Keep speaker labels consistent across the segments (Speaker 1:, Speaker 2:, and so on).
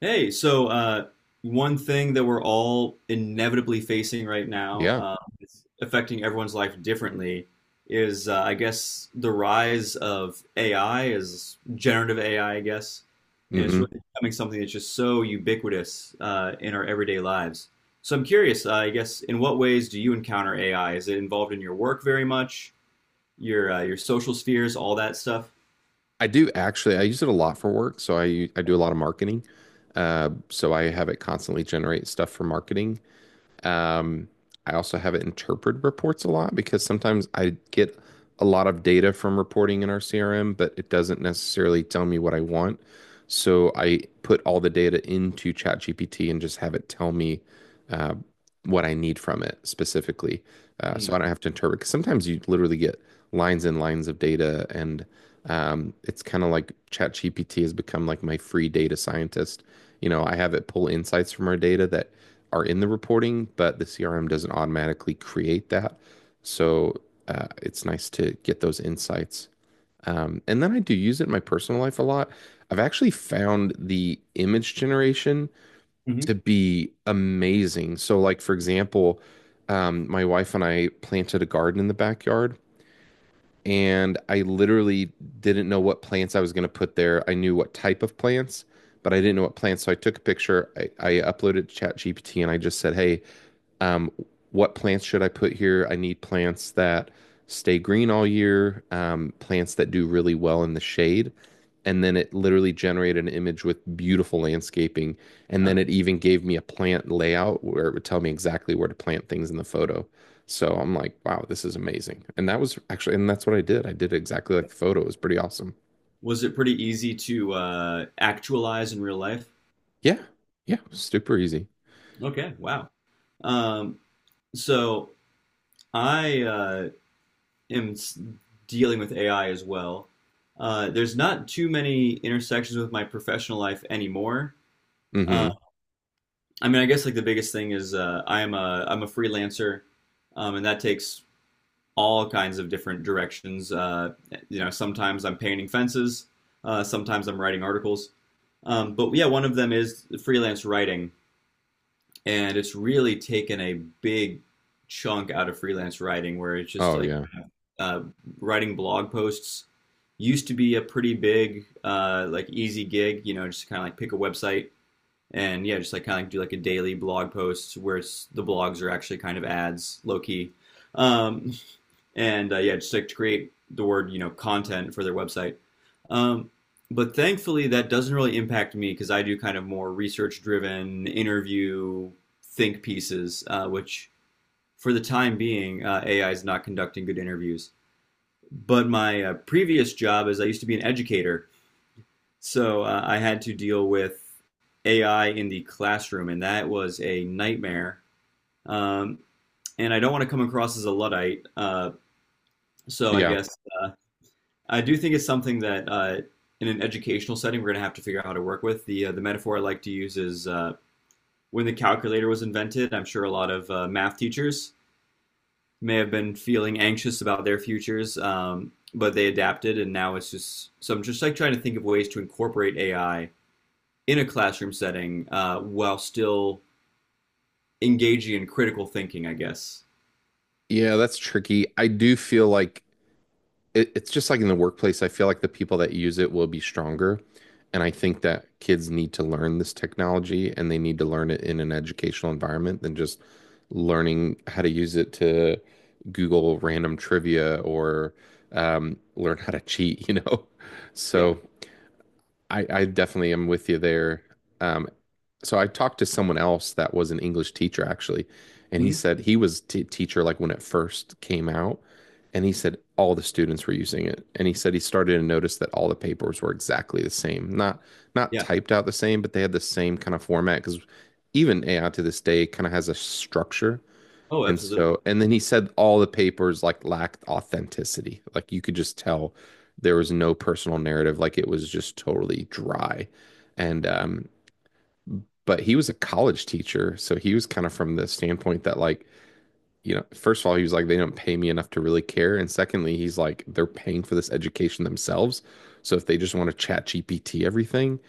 Speaker 1: Hey, one thing that we're all inevitably facing right now,
Speaker 2: Yeah.
Speaker 1: it's affecting everyone's life differently, is I guess the rise of AI, is generative AI, I guess, and it's really
Speaker 2: hmm
Speaker 1: becoming something that's just so ubiquitous in our everyday lives. So I'm curious, I guess, in what ways do you encounter AI? Is it involved in your work very much, your social spheres, all that stuff?
Speaker 2: I do actually, I use it a lot for work. So I do a lot of marketing. So I have it constantly generate stuff for marketing. Um, I also have it interpret reports a lot because sometimes I get a lot of data from reporting in our CRM, but it doesn't necessarily tell me what I want. So I put all the data into ChatGPT and just have it tell me uh, what I need from it specifically. So I don't have to interpret. Because sometimes you literally get lines and lines of data, and it's kind of like ChatGPT has become like my free data scientist. I have it pull insights from our data that are in the reporting, but the CRM doesn't automatically create that. So it's nice to get those insights. And then I do use it in my personal life a lot. I've actually found the image generation
Speaker 1: Mm-hmm.
Speaker 2: to be amazing. So, like for example, my wife and I planted a garden in the backyard, and I literally didn't know what plants I was going to put there. I knew what type of plants, but I didn't know what plants. So I took a picture, I uploaded it to ChatGPT, and I just said, "Hey, um, what plants should I put here? I need plants that stay green all year, plants that do really well in the shade." And then it literally generated an image with beautiful landscaping. And then it even gave me a plant layout where it would tell me exactly where to plant things in the photo. So I'm like, wow, this is amazing. And that was actually, and that's what I did. I did it exactly like the photo. It was pretty awesome.
Speaker 1: Was it pretty easy to actualize in real life?
Speaker 2: Yeah. Yeah. Super easy.
Speaker 1: Okay, wow. Um, so I am dealing with AI as well. There's not too many intersections with my professional life anymore. Uh,
Speaker 2: Mm-hmm.
Speaker 1: I mean, I guess like the biggest thing is I'm a freelancer, and that takes all kinds of different directions. You know, sometimes I'm painting fences, sometimes I'm writing articles. But yeah, one of them is freelance writing, and it's really taken a big chunk out of freelance writing where it's just
Speaker 2: Oh,
Speaker 1: like
Speaker 2: yeah.
Speaker 1: uh, writing blog posts used to be a pretty big like easy gig, you know, just kind of like pick a website and yeah, just like kind of like do like a daily blog post where it's the blogs are actually kind of ads, low key. Um, and Yeah, just like to create the word content for their website. Um, but thankfully, that doesn't really impact me because I do kind of more research-driven interview think pieces, which for the time being, AI is not conducting good interviews. But my previous job is I used to be an educator, so I had to deal with AI in the classroom, and that was a nightmare. Um, and I don't want to come across as a luddite, uh, so I
Speaker 2: Yeah.
Speaker 1: guess uh, I do think it's something that in an educational setting we're going to have to figure out how to work with. The metaphor I like to use is when the calculator was invented. I'm sure a lot of math teachers may have been feeling anxious about their futures, but they adapted, and now it's just so. I'm just like trying to think of ways to incorporate AI in a classroom setting while still engaging in critical thinking, I guess.
Speaker 2: Yeah. That's tricky. I do feel like it's just like in the workplace, I feel like the people that use it will be stronger. And I think that kids need to learn this technology and they need to learn it in an educational environment than just learning how to use it to Google random trivia or learn how to cheat, you know?
Speaker 1: Yeah.
Speaker 2: So I definitely am with you there. Um, so I talked to someone else that was an English teacher actually, and he
Speaker 1: hmm
Speaker 2: said he was t teacher like when it first came out, and he said all the students were using it, and he said he started to notice that all the papers were exactly the same, not not
Speaker 1: Yeah.
Speaker 2: typed out the same, but they had the same kind of format because even AI to this day kind of has a structure.
Speaker 1: Oh,
Speaker 2: And
Speaker 1: absolutely.
Speaker 2: so, and then he said all the papers like lacked authenticity. Like you could just tell there was no personal narrative. Like it was just totally dry. And, um, but he was a college teacher. So he was kind of from the standpoint that, like, you know, first of all, he was like, they don't pay me enough to really care. And secondly, he's like, they're paying for this education themselves. So if they just want to chat GPT everything,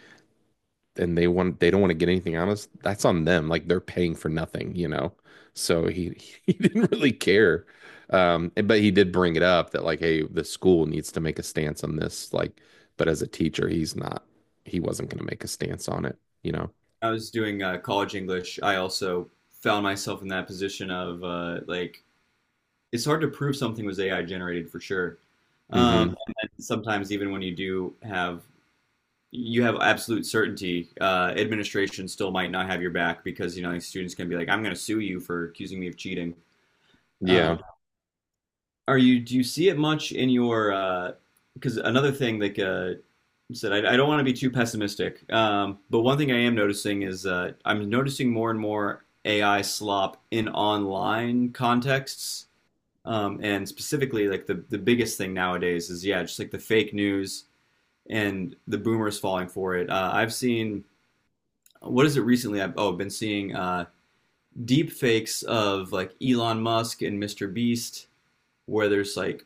Speaker 2: and they want they don't want to get anything out of us, that's on them. Like they're paying for nothing, you know. So he he didn't really care. But he did bring it up that like, hey, the school needs to make a stance on this. Like, but as a teacher, he's not. He wasn't going to make a stance on it, you know.
Speaker 1: I was doing college English. I also found myself in that position of like it's hard to prove something was AI generated for sure. Um,
Speaker 2: Hmm.
Speaker 1: and sometimes even when you do have you have absolute certainty, administration still might not have your back because, you know, these students can be like, "I'm going to sue you for accusing me of cheating."
Speaker 2: Yeah.
Speaker 1: Um, are you Do you see it much in your because another thing like you said I, don't want to be too pessimistic, but one thing I am noticing is I'm noticing more and more AI slop in online contexts, and specifically like the biggest thing nowadays is yeah, just like the fake news and the boomers falling for it. I've seen, what is it, recently I've, been seeing deep fakes of like Elon Musk and Mr. Beast, where there's like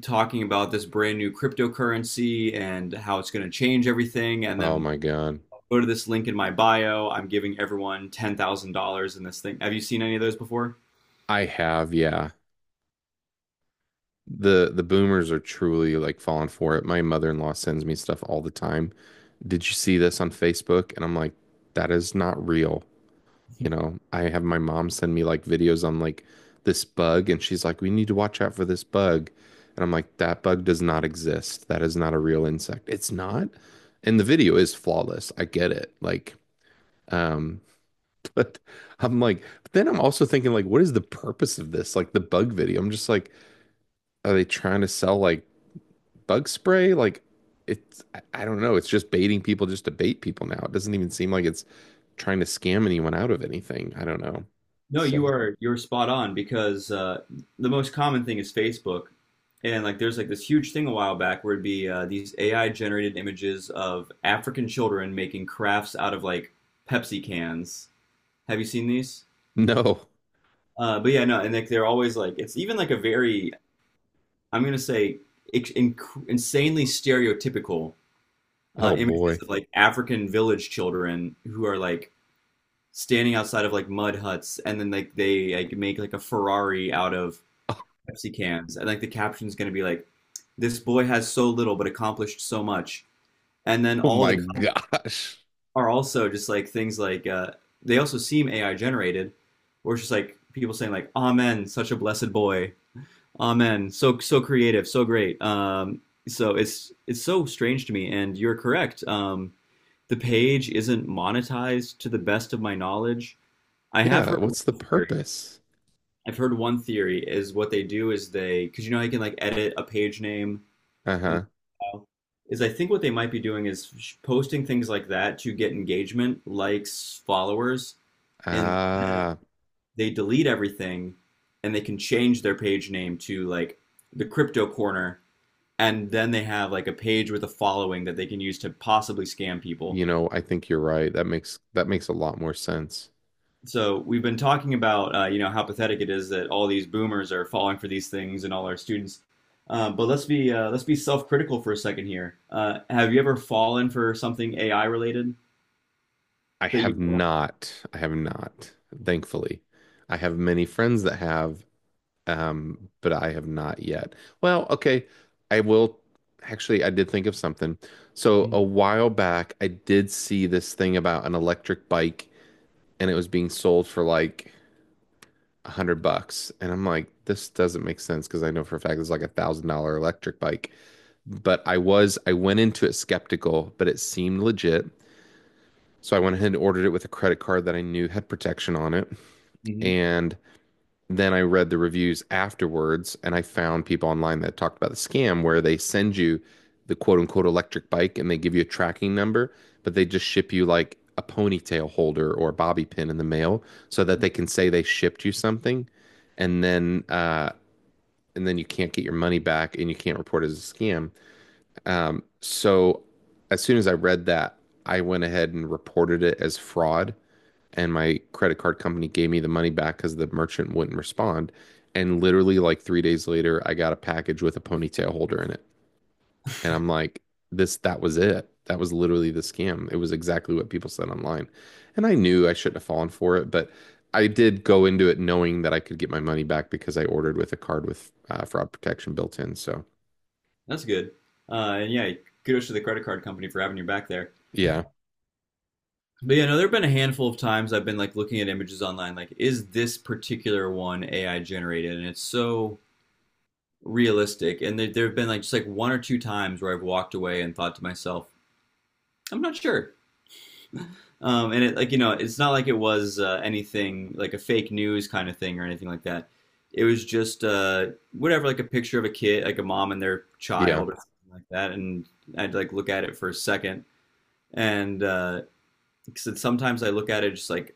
Speaker 1: talking about this brand new cryptocurrency and how it's going to change everything, and
Speaker 2: Oh
Speaker 1: then
Speaker 2: my God.
Speaker 1: go to this link in my bio, I'm giving everyone $10,000 in this thing. Have you seen any of those before?
Speaker 2: I have, yeah. The boomers are truly like falling for it. My mother-in-law sends me stuff all the time. Did you see this on Facebook? And I'm like, that is not real. You know, I have my mom send me like videos on like this bug, and she's like, we need to watch out for this bug. And I'm like, that bug does not exist. That is not a real insect. It's not. And the video is flawless. I get it. Like, um, but I'm like, but then I'm also thinking, like, what is the purpose of this? Like the bug video. I'm just like, are they trying to sell like bug spray? Like, it's, I don't know. It's just baiting people just to bait people now. It doesn't even seem like it's trying to scam anyone out of anything. I don't know.
Speaker 1: No,
Speaker 2: So.
Speaker 1: you are, you're spot on, because the most common thing is Facebook, and like there's like this huge thing a while back where it'd be these AI generated images of African children making crafts out of like Pepsi cans. Have you seen these?
Speaker 2: No.
Speaker 1: But yeah, no, and like they're always like it's even like a very, I'm gonna say insanely stereotypical
Speaker 2: Oh
Speaker 1: images
Speaker 2: boy.
Speaker 1: of like African village children who are like standing outside of like mud huts, and then like they like make like a Ferrari out of Pepsi cans, and like the caption's gonna be like, "This boy has so little but accomplished so much," and then
Speaker 2: Oh
Speaker 1: all the
Speaker 2: my
Speaker 1: comments
Speaker 2: gosh.
Speaker 1: are also just like things like they also seem AI generated, or it's just like people saying like, "Amen, such a blessed boy. Amen. So so creative, so great." So it's so strange to me, and you're correct. The page isn't monetized to the best of my knowledge. I have
Speaker 2: Yeah,
Speaker 1: heard
Speaker 2: what's the
Speaker 1: one theory.
Speaker 2: purpose?
Speaker 1: I've heard one theory is what they do is they, because you know, I can like edit a page name and
Speaker 2: Uh-huh.
Speaker 1: uh, is I think what they might be doing is posting things like that to get engagement, likes, followers, and then
Speaker 2: Ah,
Speaker 1: they delete everything and they can change their page name to like the crypto corner, and then they have like a page with a following that they can use to possibly scam people.
Speaker 2: you know, I think you're right. That makes a lot more sense.
Speaker 1: So we've been talking about you know, how pathetic it is that all these boomers are falling for these things, and all our students. But let's be self-critical for a second here. Have you ever fallen for something AI related?
Speaker 2: I
Speaker 1: But you
Speaker 2: have
Speaker 1: know,
Speaker 2: not. I have not, thankfully. I have many friends that have, but I have not yet. Well, okay. I will actually I did think of something. So a while back I did see this thing about an electric bike and it was being sold for like $100. And I'm like, this doesn't make sense because I know for a fact it's like $1,000 electric bike. But I was, I went into it skeptical, but it seemed legit. So I went ahead and ordered it with a credit card that I knew had protection on it.
Speaker 1: hmm
Speaker 2: And then I read the reviews afterwards and I found people online that talked about the scam where they send you the quote unquote electric bike and they give you a tracking number, but they just ship you like a ponytail holder or a bobby pin in the mail so that they can say they shipped you something and then uh and then you can't get your money back and you can't report it as a scam. So as soon as I read that, I went ahead and reported it as fraud and my credit card company gave me the money back because the merchant wouldn't respond. And literally, like 3 days later, I got a package with a ponytail holder in it. And I'm like, this, that was it. That was literally the scam. It was exactly what people said online. And I knew I shouldn't have fallen for it, but I did go into it knowing that I could get my money back because I ordered with a card with fraud protection built in. So,
Speaker 1: that's good. And yeah, kudos to the credit card company for having your back there.
Speaker 2: yeah,
Speaker 1: But yeah, no, there have been a handful of times I've been like looking at images online, like, is this particular one AI generated? And it's so realistic. And there have been like just like one or two times where I've walked away and thought to myself, I'm not sure. And it, like, you know, it's not like it was anything like a fake news kind of thing or anything like that. It was just whatever, like a picture of a kid, like a mom and their
Speaker 2: yeah,
Speaker 1: child or something like that. And I'd like look at it for a second, and 'cause sometimes I look at it just like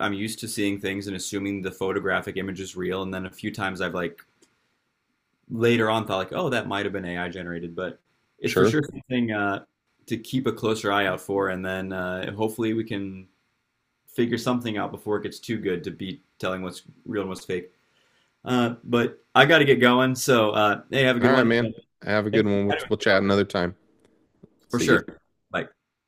Speaker 1: I'm used to seeing things and assuming the photographic image is real. And then a few times I've like later on thought like, oh, that might have been AI generated, but it's for
Speaker 2: sure.
Speaker 1: sure something to keep a closer eye out for. And then hopefully we can figure something out before it gets too good to be telling what's real and what's fake. But I got to get going. So, hey, have a
Speaker 2: All
Speaker 1: good
Speaker 2: right,
Speaker 1: one.
Speaker 2: man.
Speaker 1: And
Speaker 2: Have a good
Speaker 1: thanks for
Speaker 2: one. We'll,
Speaker 1: chatting with
Speaker 2: we'll
Speaker 1: me
Speaker 2: chat
Speaker 1: about this.
Speaker 2: another time.
Speaker 1: For
Speaker 2: See you.
Speaker 1: sure. Bye.